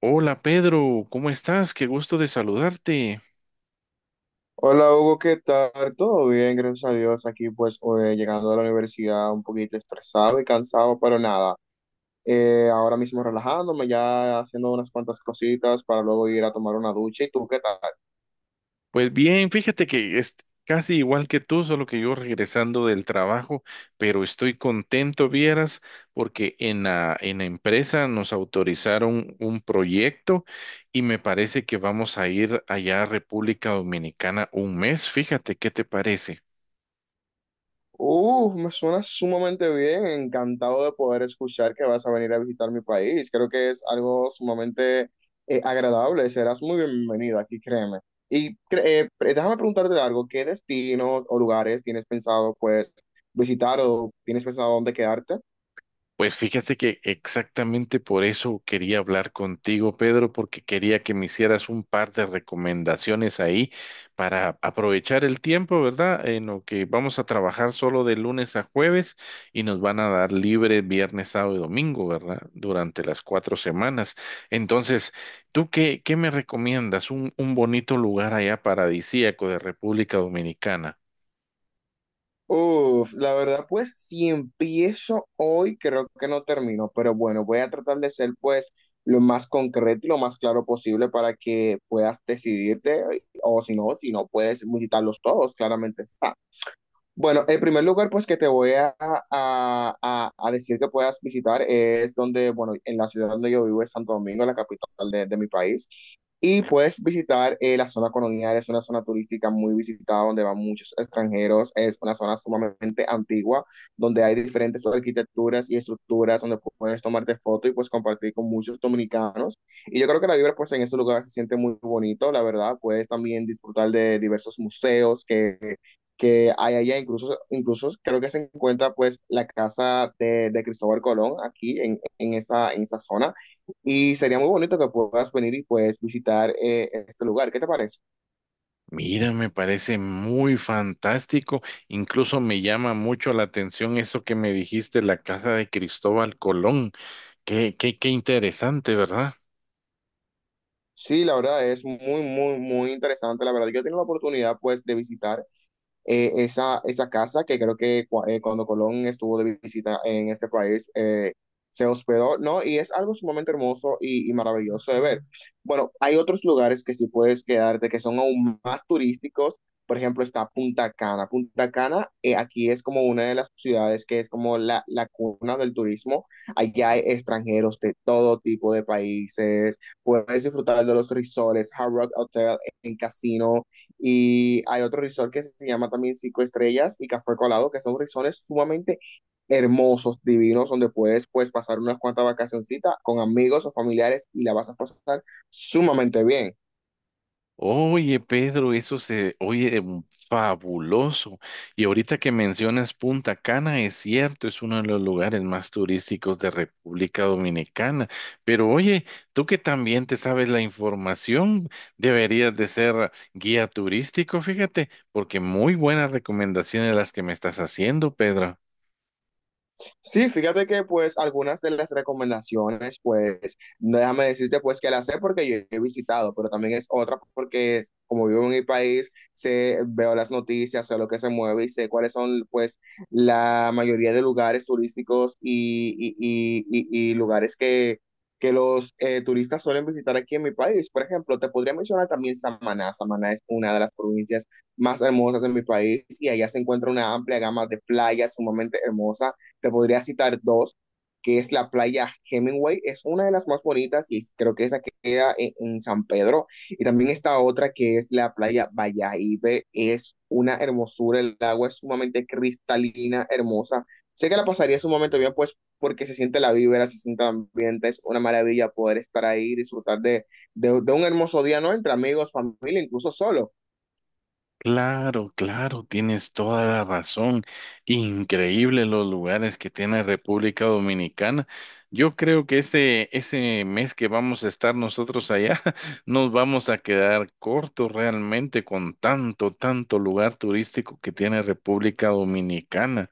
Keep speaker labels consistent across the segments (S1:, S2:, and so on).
S1: Hola Pedro, ¿cómo estás? Qué gusto de saludarte.
S2: Hola Hugo, ¿qué tal? Todo bien, gracias a Dios. Aquí pues llegando a la universidad un poquito estresado y cansado, pero nada. Ahora mismo relajándome, ya haciendo unas cuantas cositas para luego ir a tomar una ducha. ¿Y tú qué tal?
S1: Pues bien, fíjate que es casi igual que tú, solo que yo regresando del trabajo, pero estoy contento, vieras, porque en la empresa nos autorizaron un proyecto y me parece que vamos a ir allá a República Dominicana un mes. Fíjate, ¿qué te parece?
S2: Uf, me suena sumamente bien, encantado de poder escuchar que vas a venir a visitar mi país. Creo que es algo sumamente agradable, serás muy bienvenido aquí, créeme. Déjame preguntarte algo, ¿qué destinos o lugares tienes pensado pues visitar o tienes pensado dónde quedarte?
S1: Pues fíjate que exactamente por eso quería hablar contigo, Pedro, porque quería que me hicieras un par de recomendaciones ahí para aprovechar el tiempo, ¿verdad? En lo que vamos a trabajar solo de lunes a jueves y nos van a dar libre viernes, sábado y domingo, ¿verdad? Durante las cuatro semanas. Entonces, ¿tú qué me recomiendas? Un bonito lugar allá paradisíaco de República Dominicana.
S2: Uf, la verdad, pues si empiezo hoy, creo que no termino, pero bueno, voy a tratar de ser pues lo más concreto y lo más claro posible para que puedas decidirte, o si no, si no puedes visitarlos todos, claramente está. Bueno, el primer lugar pues que te voy a decir que puedas visitar es donde, bueno, en la ciudad donde yo vivo es Santo Domingo, la capital de mi país. Y puedes visitar la zona colonial, es una zona turística muy visitada donde van muchos extranjeros, es una zona sumamente antigua, donde hay diferentes arquitecturas y estructuras donde puedes tomarte fotos y pues compartir con muchos dominicanos. Y yo creo que la vibra pues en ese lugar se siente muy bonito, la verdad, puedes también disfrutar de diversos museos que hay allá, incluso, incluso creo que se encuentra pues la casa de Cristóbal Colón aquí en esa zona y sería muy bonito que puedas venir y pues visitar este lugar, ¿qué te parece?
S1: Mira, me parece muy fantástico. Incluso me llama mucho la atención eso que me dijiste, la casa de Cristóbal Colón. Qué interesante, ¿verdad?
S2: Sí, la verdad es muy, muy, muy interesante, la verdad yo he tenido la oportunidad pues de visitar esa casa que creo que cuando Colón estuvo de visita en este país, se hospedó, ¿no? Y es algo sumamente hermoso y maravilloso de ver. Bueno, hay otros lugares que sí puedes quedarte que son aún más turísticos. Por ejemplo, está Punta Cana. Punta Cana, aquí es como una de las ciudades que es como la cuna del turismo. Allá hay extranjeros de todo tipo de países. Puedes disfrutar de los resorts, Hard Rock Hotel en casino. Y hay otro resort que se llama también Cinco Estrellas y Café Colado, que son resorts sumamente hermosos, divinos, donde puedes pues pasar unas cuantas vacacioncitas con amigos o familiares y la vas a pasar sumamente bien.
S1: Oye, Pedro, eso se oye fabuloso. Y ahorita que mencionas Punta Cana, es cierto, es uno de los lugares más turísticos de República Dominicana. Pero oye, tú que también te sabes la información, deberías de ser guía turístico, fíjate, porque muy buenas recomendaciones las que me estás haciendo, Pedro.
S2: Sí, fíjate que pues algunas de las recomendaciones, pues no déjame decirte pues que las sé porque yo he visitado, pero también es otra porque como vivo en mi país, sé, veo las noticias, sé lo que se mueve y sé cuáles son pues la mayoría de lugares turísticos y lugares que los turistas suelen visitar aquí en mi país. Por ejemplo, te podría mencionar también Samaná. Samaná es una de las provincias más hermosas de mi país y allá se encuentra una amplia gama de playas sumamente hermosas te podría citar dos, que es la playa Hemingway, es una de las más bonitas y creo que esa queda en San Pedro. Y también está otra que es la playa Valladolid, es una hermosura, el agua es sumamente cristalina, hermosa. Sé que la pasaría sumamente bien, pues porque se siente la vibra, se siente el ambiente, es una maravilla poder estar ahí, disfrutar de un hermoso día, ¿no? Entre amigos, familia, incluso solo.
S1: Claro, claro, tienes toda la razón. Increíble los lugares que tiene República Dominicana. Yo creo que ese mes que vamos a estar nosotros allá, nos vamos a quedar cortos realmente con tanto lugar turístico que tiene República Dominicana.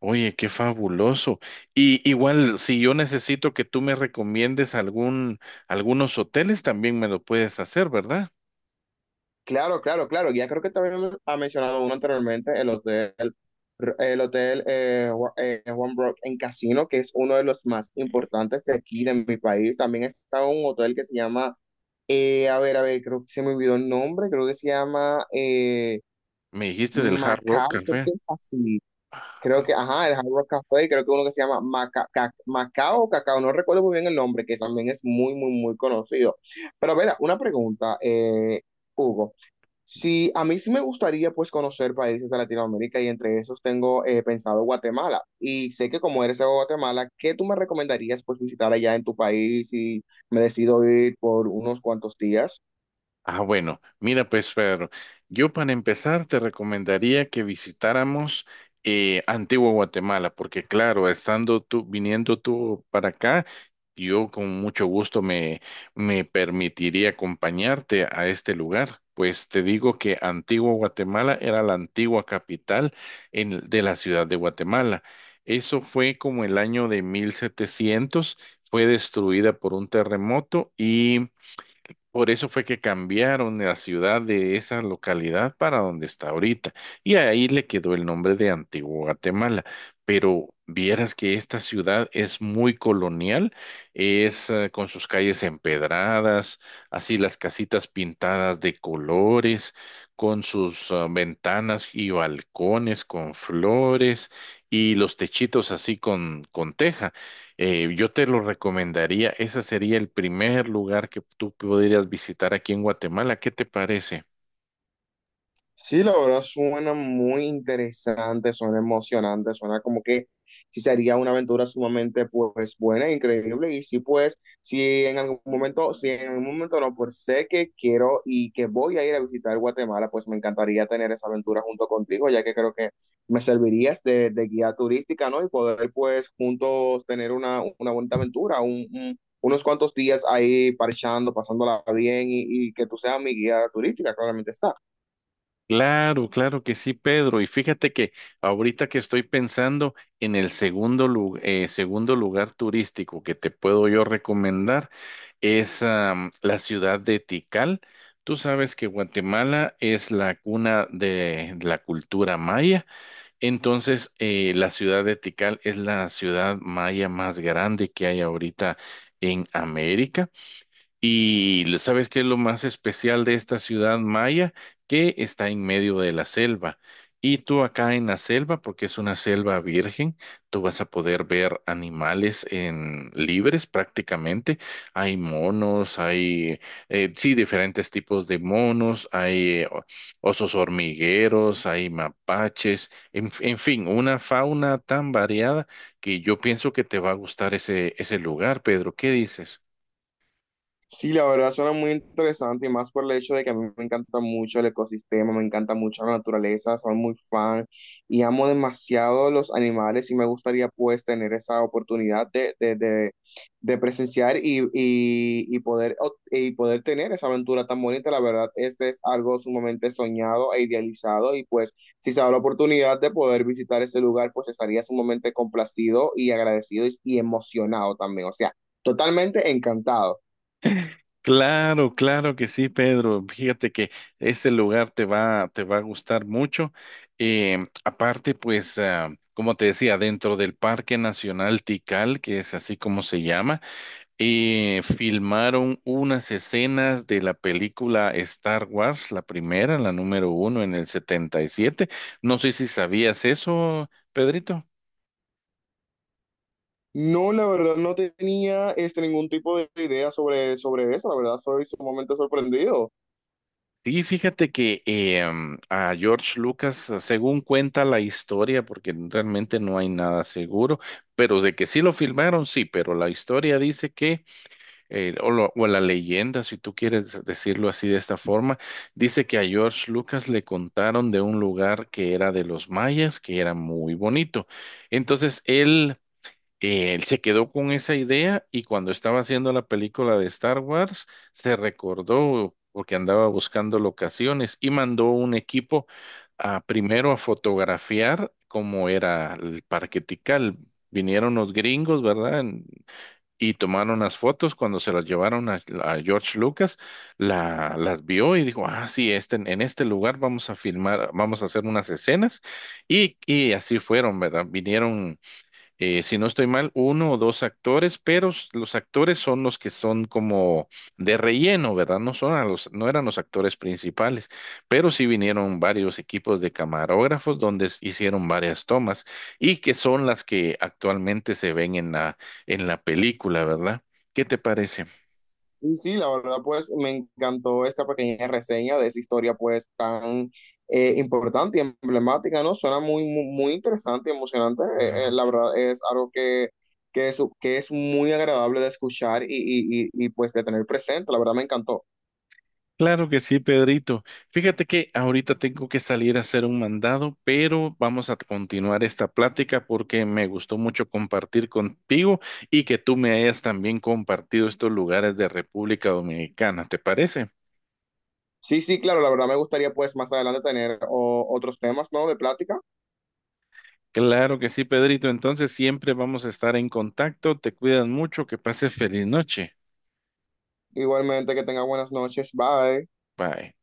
S1: Oye, qué fabuloso. Y igual, si yo necesito que tú me recomiendes algún, algunos hoteles, también me lo puedes hacer, ¿verdad?
S2: Claro, claro, claro. Ya creo que también ha mencionado uno anteriormente, el hotel Juan Brock en Casino, que es uno de los más importantes de aquí, de mi país. También está un hotel que se llama, a ver, creo que se me olvidó el nombre, creo que se llama
S1: Me dijiste del Hard Rock
S2: Macao, creo
S1: Café.
S2: que es así. Creo que, ajá, el Hard Rock Café, creo que uno que se llama Macao, Cacao, no recuerdo muy bien el nombre, que también es muy, muy, muy conocido. Pero, a ver, una pregunta, Hugo. Sí, a mí sí me gustaría pues conocer países de Latinoamérica y entre esos tengo pensado Guatemala. Y sé que como eres de Guatemala, ¿qué tú me recomendarías pues visitar allá en tu país y me decido ir por unos cuantos días?
S1: Ah, bueno, mira pues Pedro, yo para empezar te recomendaría que visitáramos Antigua Guatemala, porque claro, estando tú, viniendo tú para acá, yo con mucho gusto me permitiría acompañarte a este lugar. Pues te digo que Antigua Guatemala era la antigua capital en- de la ciudad de Guatemala. Eso fue como el año de 1700, fue destruida por un terremoto, por eso fue que cambiaron la ciudad de esa localidad para donde está ahorita. Y ahí le quedó el nombre de Antigua Guatemala. Pero vieras que esta ciudad es muy colonial, es con sus calles empedradas, así las casitas pintadas de colores, con sus ventanas y balcones con flores y los techitos así con teja. Yo te lo recomendaría, ese sería el primer lugar que tú podrías visitar aquí en Guatemala. ¿Qué te parece?
S2: Sí, la verdad suena muy interesante, suena emocionante, suena como que sí sería una aventura sumamente pues buena, increíble y sí pues si en algún momento, si en algún momento no, pues sé que quiero y que voy a ir a visitar Guatemala, pues me encantaría tener esa aventura junto contigo, ya que creo que me servirías de guía turística, ¿no? Y poder pues juntos tener una bonita aventura, unos cuantos días ahí parchando, pasándola bien y que tú seas mi guía turística, claramente está.
S1: Claro, claro que sí, Pedro. Y fíjate que ahorita que estoy pensando en el segundo, segundo lugar turístico que te puedo yo recomendar es la ciudad de Tikal. Tú sabes que Guatemala es la cuna de la cultura maya. Entonces, la ciudad de Tikal es la ciudad maya más grande que hay ahorita en América. Y ¿sabes qué es lo más especial de esta ciudad maya? Que está en medio de la selva. Y tú acá en la selva, porque es una selva virgen, tú vas a poder ver animales en libres prácticamente. Hay monos, hay sí diferentes tipos de monos, hay osos hormigueros, hay mapaches, en fin, una fauna tan variada que yo pienso que te va a gustar ese lugar, Pedro. ¿Qué dices?
S2: Sí, la verdad suena muy interesante y más por el hecho de que a mí me encanta mucho el ecosistema, me encanta mucho la naturaleza, soy muy fan y amo demasiado los animales y me gustaría pues tener esa oportunidad de presenciar y poder, y poder tener esa aventura tan bonita. La verdad, este es algo sumamente soñado e idealizado y pues si se da la oportunidad de poder visitar ese lugar, pues estaría sumamente complacido y agradecido y emocionado también, o sea, totalmente encantado.
S1: Claro, claro que sí, Pedro. Fíjate que este lugar te va a gustar mucho. Eh, Aparte, pues, como te decía, dentro del Parque Nacional Tikal, que es así como se llama, filmaron unas escenas de la película Star Wars, la primera, la número 1 en el 77. No sé si sabías eso, Pedrito.
S2: No, la verdad no tenía este, ningún tipo de idea sobre, sobre eso, la verdad soy sumamente sorprendido.
S1: Sí, fíjate que a George Lucas, según cuenta la historia, porque realmente no hay nada seguro, pero de que sí lo filmaron, sí, pero la historia dice que, o la leyenda, si tú quieres decirlo así de esta forma, dice que a George Lucas le contaron de un lugar que era de los mayas, que era muy bonito. Entonces él se quedó con esa idea y cuando estaba haciendo la película de Star Wars, se recordó porque andaba buscando locaciones y mandó un equipo a primero a fotografiar cómo era el Parque Tikal. Vinieron los gringos, ¿verdad? En- Y tomaron las fotos cuando se las llevaron a George Lucas, las vio y dijo, ah, sí, este, en este lugar vamos a filmar, vamos a hacer unas escenas. Y así fueron, ¿verdad? Vinieron si no estoy mal, 1 o 2 actores, pero los actores son los que son como de relleno, ¿verdad? No son a los, no eran los actores principales, pero sí vinieron varios equipos de camarógrafos donde hicieron varias tomas y que son las que actualmente se ven en en la película, ¿verdad? ¿Qué te parece?
S2: Y sí, la verdad pues me encantó esta pequeña reseña de esa historia pues tan importante y emblemática, ¿no? Suena muy, muy, muy interesante y emocionante, la verdad es algo que es muy agradable de escuchar pues de tener presente, la verdad me encantó.
S1: Claro que sí, Pedrito. Fíjate que ahorita tengo que salir a hacer un mandado, pero vamos a continuar esta plática porque me gustó mucho compartir contigo y que tú me hayas también compartido estos lugares de República Dominicana, ¿te parece?
S2: Sí, sí, claro, la verdad me gustaría pues más adelante tener otros temas, ¿no? De plática.
S1: Claro que sí, Pedrito. Entonces siempre vamos a estar en contacto. Te cuidas mucho, que pases feliz noche.
S2: Igualmente que tenga buenas noches, bye.
S1: Bye.